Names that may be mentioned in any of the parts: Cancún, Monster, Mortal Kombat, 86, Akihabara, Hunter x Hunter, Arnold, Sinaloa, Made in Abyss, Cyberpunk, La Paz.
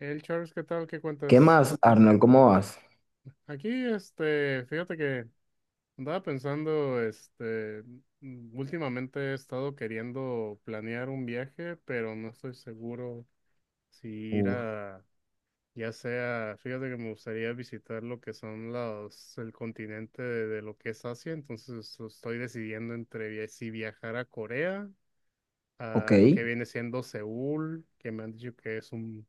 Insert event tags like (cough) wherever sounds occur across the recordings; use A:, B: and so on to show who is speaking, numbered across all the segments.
A: El Charles, ¿qué tal? ¿Qué
B: ¿Qué
A: cuentas?
B: más, Arnold? ¿Cómo vas?
A: Aquí, este, fíjate que andaba pensando, este, últimamente he estado queriendo planear un viaje, pero no estoy seguro si ir
B: Uf,
A: a, ya sea, fíjate que me gustaría visitar lo que son los, el continente de lo que es Asia. Entonces estoy decidiendo entre si viajar a Corea,
B: ok,
A: a lo que viene siendo Seúl, que me han dicho que es un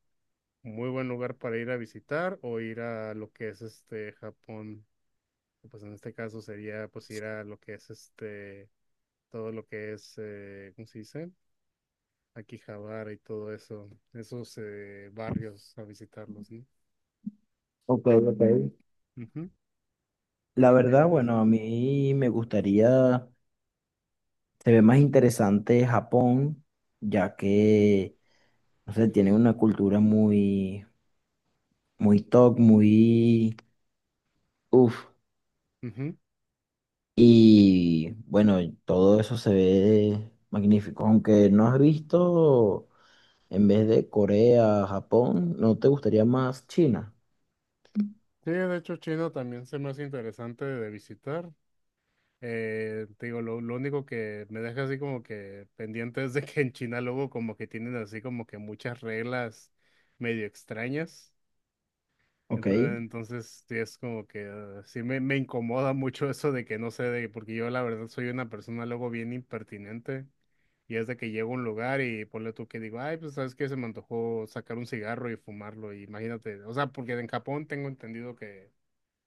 A: muy buen lugar para ir a visitar, o ir a lo que es este Japón, que, pues en este caso sería pues ir a lo que es este todo lo que es ¿cómo se dice? Akihabara y todo eso, esos barrios a visitarlos, ¿no?
B: ok, ok.
A: Ujú. ¿Tú
B: La
A: qué
B: verdad,
A: opinas?
B: bueno, a mí me gustaría, se ve más interesante Japón, ya que, no sé, tiene una cultura muy, muy top, muy, uff.
A: Ujú.
B: Y bueno, todo eso se ve magnífico, aunque no has visto, en vez de Corea, Japón, ¿no te gustaría más China?
A: Sí, de hecho China también se me hace interesante de visitar. Te digo, lo único que me deja así como que pendiente es de que en China luego como que tienen así como que muchas reglas medio extrañas.
B: Ok,
A: Entonces sí es como que sí me incomoda mucho eso de que, no sé, de, porque yo la verdad soy una persona luego bien impertinente, y es de que llego a un lugar y ponle tú que digo, ay, pues sabes que se me antojó sacar un cigarro y fumarlo, y imagínate, o sea, porque en Japón tengo entendido que,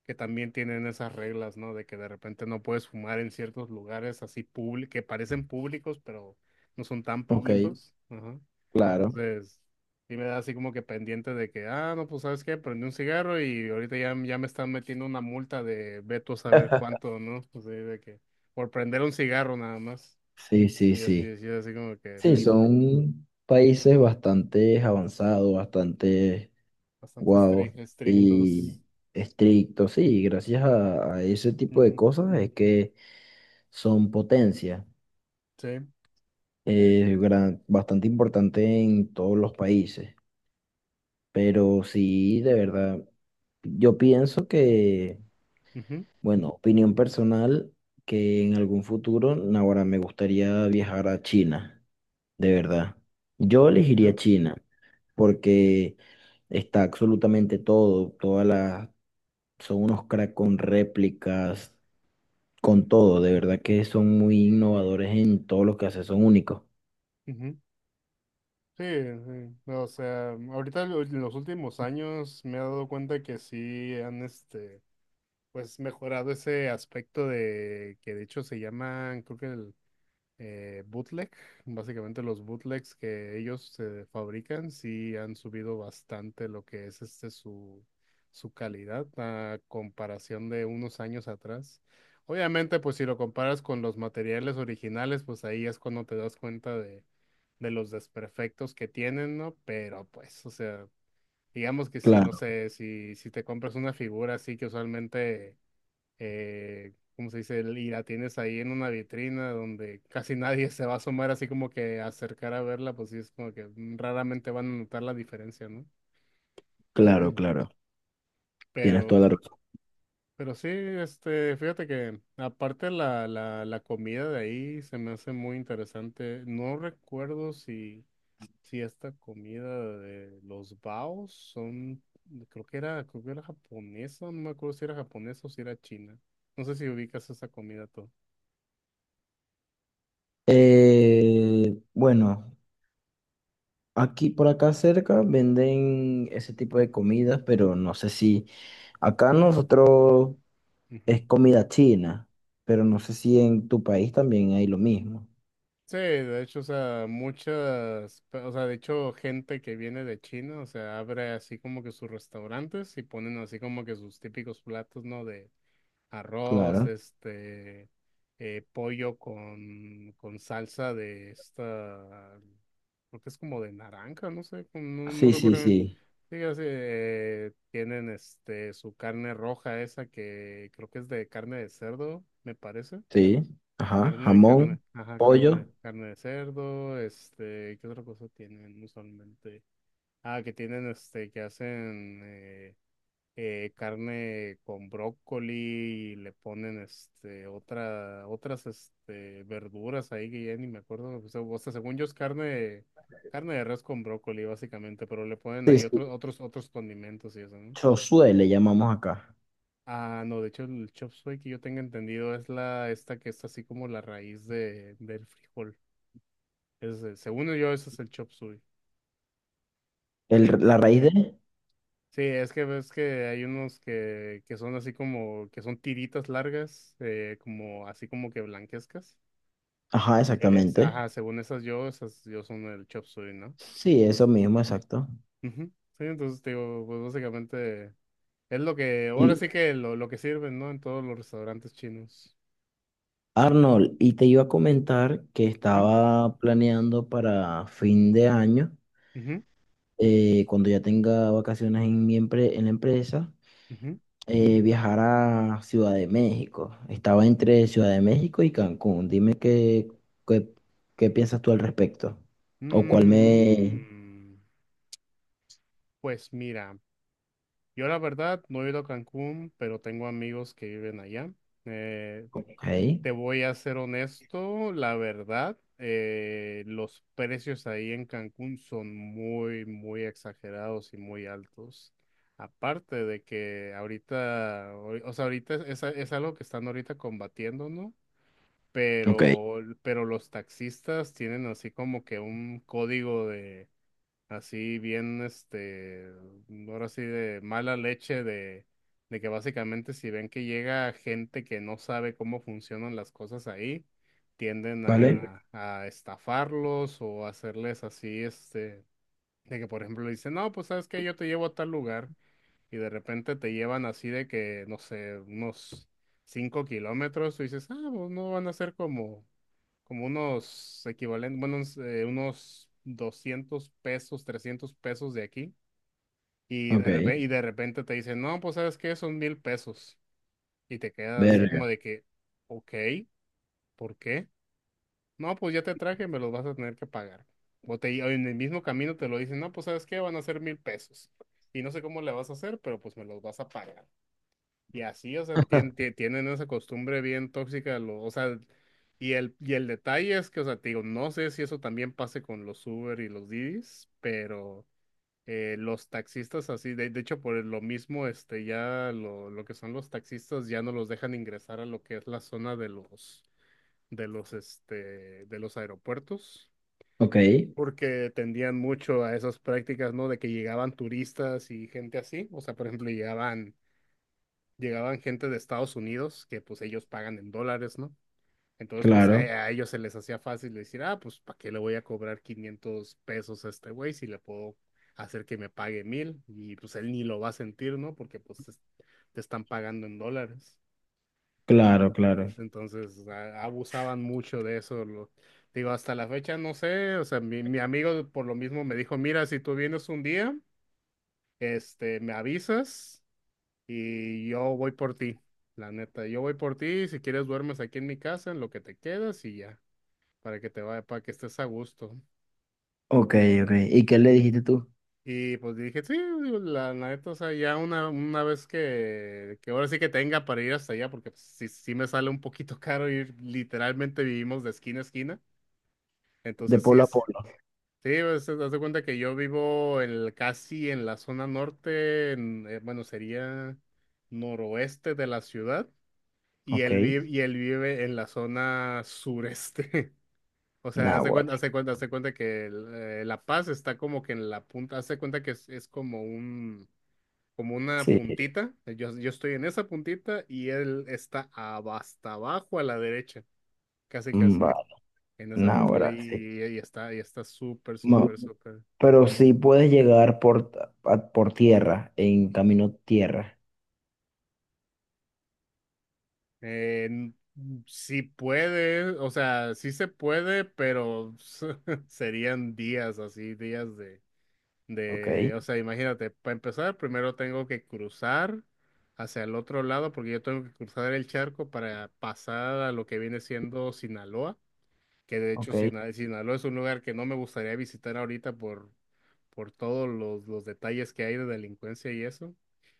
A: que también tienen esas reglas, ¿no? De que de repente no puedes fumar en ciertos lugares así públicos, que parecen públicos, pero no son tan
B: ok,
A: públicos. Ajá.
B: claro,
A: Entonces, sí me da así como que pendiente de que, ah, no, pues sabes qué, prendí un cigarro y ahorita ya me están metiendo una multa de ve tú a saber cuánto, ¿no? Pues sí, de que por prender un cigarro nada más.
B: sí, sí,
A: Y así,
B: sí.
A: así, así como que
B: Sí,
A: pues, y
B: son países bastante avanzados, bastante
A: bastante
B: guau
A: estrictos.
B: y estrictos. Sí, gracias a ese tipo de
A: Ujú,
B: cosas es que son potencia,
A: sí.
B: bastante importante en todos los países. Pero sí, de verdad, yo pienso que,
A: Ujú,
B: bueno, opinión personal, que en algún futuro, ahora me gustaría viajar a China. De verdad. Yo
A: sí,
B: elegiría
A: ¿no?
B: China porque está absolutamente todo, son unos crack con réplicas, con
A: Ujú,
B: todo, de verdad que son muy innovadores en todo lo que hacen, son únicos.
A: ujú. Sí, sí. No, o sea, ahorita en los últimos años me he dado cuenta que sí han, este, pues mejorado ese aspecto, de que de hecho se llaman, creo que el, bootleg. Básicamente los bootlegs que ellos fabrican sí han subido bastante lo que es este su, su calidad a comparación de unos años atrás. Obviamente, pues si lo comparas con los materiales originales, pues ahí es cuando te das cuenta de los desperfectos que tienen, ¿no? Pero pues, o sea, digamos que, si, no
B: Claro,
A: sé, si te compras una figura así que usualmente ¿cómo se dice? Y la tienes ahí en una vitrina donde casi nadie (laughs) se va a asomar así como que a acercar a verla, pues sí es como que raramente van a notar la diferencia, ¿no?
B: claro, claro. Tienes
A: Pero,
B: toda la razón.
A: pero sí, este, fíjate que aparte la comida de ahí se me hace muy interesante. No recuerdo si, esta comida de los baos son, creo que era japonesa, no me acuerdo si era japonesa o si era china. No sé si ubicas esa comida tú.
B: Bueno, aquí por acá cerca venden ese tipo de comidas, pero no sé si acá nosotros es comida china, pero no sé si en tu país también hay lo mismo.
A: Sí, de hecho, o sea, muchas, o sea, de hecho, gente que viene de China, o sea, abre así como que sus restaurantes y ponen así como que sus típicos platos, ¿no? De arroz,
B: Claro.
A: este, pollo con salsa de esta, creo que es como de naranja, no sé, como no, no
B: Sí, sí,
A: recuerdo.
B: sí.
A: Sí, así, tienen este, su carne roja esa que creo que es de carne de cerdo, me parece.
B: Sí. Ajá.
A: Carne de carne,
B: Jamón,
A: ajá, carne,
B: pollo.
A: carne de cerdo, este, ¿qué otra cosa tienen usualmente? Ah, que tienen, este, que hacen carne con brócoli y le ponen, este, otras, este, verduras ahí que ya ni me acuerdo, o sea, según yo es carne de res con brócoli básicamente, pero le ponen
B: Sí,
A: ahí
B: sí.
A: otros condimentos y eso, ¿no?
B: Chosue le llamamos acá.
A: Ah, no, de hecho el chop suey que yo tenga entendido es esta que es así como la raíz del frijol. Es, según yo, ese es el chop suey.
B: El, la
A: Es-
B: raíz de.
A: sí, es que ves que hay unos que son así como, que son tiritas largas, como así como que blanquescas.
B: Ajá, exactamente.
A: Ajá, según esas yo son el chop suey, ¿no?
B: Sí, eso mismo, exacto.
A: Ujú. Sí, entonces te digo, pues básicamente es lo que,
B: Y
A: ahora sí que lo que sirven, ¿no? En todos los restaurantes chinos.
B: Arnold, y te iba a comentar que
A: Ujú,
B: estaba planeando para fin de año,
A: ujú,
B: cuando ya tenga vacaciones en en la empresa,
A: ujú.
B: viajar a Ciudad de México. Estaba entre Ciudad de México y Cancún. Dime qué, qué, qué piensas tú al respecto. O cuál me...
A: Mm, pues mira, yo la verdad no he ido a Cancún, pero tengo amigos que viven allá. Eh,
B: Ok,
A: Te voy a ser honesto, la verdad, los precios ahí en Cancún son muy, muy exagerados y muy altos. Aparte de que ahorita, o sea, ahorita es algo que están ahorita combatiendo, ¿no?
B: ok,
A: Pero los taxistas tienen así como que un código de, así bien, este, ahora sí de mala leche de que básicamente, si ven que llega gente que no sabe cómo funcionan las cosas ahí, tienden
B: ¿vale?
A: a estafarlos, o hacerles así, este, de que por ejemplo le dicen, no, pues sabes que yo te llevo a tal lugar, y de repente te llevan así de que, no sé, unos 5 kilómetros, tú dices, ah, pues no van a ser como unos equivalentes, bueno, unos, unos 200 pesos, 300 pesos de aquí, y
B: Ok,
A: de repente, y de repente te dicen, no, pues sabes qué, son 1000 pesos, y te quedas así como
B: verga.
A: de que, ok, ¿por qué? No, pues ya te traje, me los vas a tener que pagar. O, te, o en el mismo camino te lo dicen, no, pues sabes qué, van a ser 1000 pesos, y no sé cómo le vas a hacer, pero pues me los vas a pagar. Y así, o sea, tienen esa costumbre bien tóxica, o sea, y el detalle es que, o sea, te digo, no sé si eso también pase con los Uber y los Didis, pero los taxistas así, de hecho, por lo mismo, este, ya lo que son los taxistas ya no los dejan ingresar a lo que es la zona de los aeropuertos,
B: Ok,
A: porque tendían mucho a esas prácticas, ¿no? De que llegaban turistas y gente así, o sea, por ejemplo, llegaban gente de Estados Unidos que pues ellos pagan en dólares, ¿no? Entonces pues a,
B: claro,
A: a ellos se les hacía fácil decir, ah, pues, ¿para qué le voy a cobrar 500 pesos a este güey si le puedo hacer que me pague mil? Y pues él ni lo va a sentir, ¿no? Porque pues te están pagando en dólares.
B: claro, claro.
A: Entonces abusaban mucho de eso. Digo, hasta la fecha no sé, o sea, mi amigo por lo mismo me dijo, mira, si tú vienes un día, este, me avisas y yo voy por ti, la neta. Yo voy por ti. Si quieres, duermes aquí en mi casa, en lo que te quedas y ya, para que te vaya, para que estés a gusto.
B: Ok, ok. ¿Y qué le dijiste tú?
A: Y pues dije, sí, digo, la neta, o sea, ya una vez que ahora sí que tenga para ir hasta allá, porque pues, sí, sí me sale un poquito (laughs) caro ir, literalmente vivimos de esquina a esquina.
B: De
A: Entonces sí
B: polo a
A: es, sí,
B: polo.
A: pues, haz de cuenta que yo vivo en casi en la zona norte, bueno, sería noroeste de la ciudad. y
B: Ok,
A: él vive, y él vive en la zona sureste. (laughs) O sea, hace
B: náguara.
A: cuenta, hace cuenta, hace cuenta que La Paz está como que en la punta, hace cuenta que es como una
B: Sí,
A: puntita. Yo estoy en esa puntita y él está hasta abajo a la derecha, casi
B: mm,
A: casi,
B: vale,
A: en esa puntita. Y,
B: náguara, sí.
A: y- y está, y está súper,
B: Ma-
A: súper, súper.
B: pero sí puedes llegar por, ta- a- por tierra, en camino tierra.
A: Eh, n- sí puede, o sea, sí se puede, pero (laughs) serían días así, días de.
B: Ok,
A: De, o sea, imagínate, para empezar, primero tengo que cruzar hacia el otro lado, porque yo tengo que cruzar el charco para pasar a lo que viene siendo Sinaloa, que de hecho
B: ok.
A: Sinaloa es un lugar que no me gustaría visitar ahorita por, todos los detalles que hay de delincuencia y eso.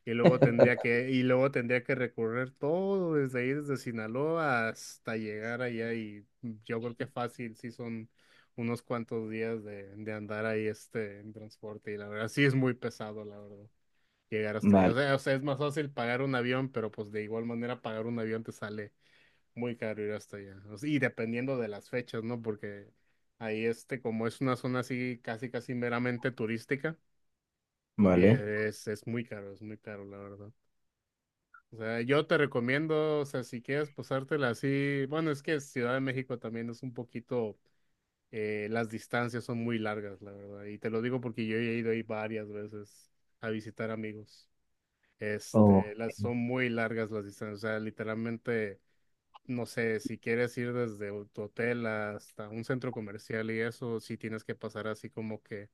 A: y luego tendría que recorrer todo desde ahí, desde Sinaloa hasta llegar allá. Y yo creo que fácil, sí son unos cuantos días de andar ahí este en transporte. Y la verdad, sí es muy pesado, la verdad, llegar hasta allá. O
B: Vale,
A: sea, es más fácil pagar un avión, pero pues de igual manera pagar un avión te sale muy caro ir hasta allá. O sea, y dependiendo de las fechas, ¿no? Porque ahí este, como es una zona así casi casi meramente turística,
B: vale.
A: es muy caro, es muy caro, la verdad. O sea, yo te recomiendo, o sea, si quieres pasártela así, bueno, es que Ciudad de México también es un poquito, las distancias son muy largas, la verdad. Y te lo digo porque yo he ido ahí varias veces a visitar amigos.
B: Oh,
A: Este, las son muy largas las distancias, o sea, literalmente no sé, si quieres ir desde tu hotel hasta un centro comercial y eso, sí tienes que pasar así como que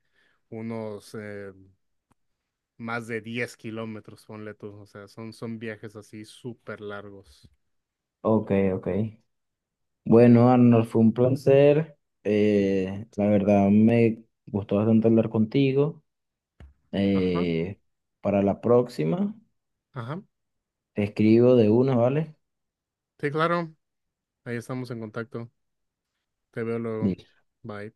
A: unos más de 10 kilómetros, ponle tú. O sea, son viajes así súper largos.
B: ok, ok. Bueno, Arnold, fue un placer. La verdad me gustó bastante hablar contigo.
A: Ajá,
B: Eh, para la próxima,
A: ajá.
B: te escribo de una, ¿vale?
A: Sí, claro. Ahí estamos en contacto. Te veo luego.
B: Listo.
A: Bye.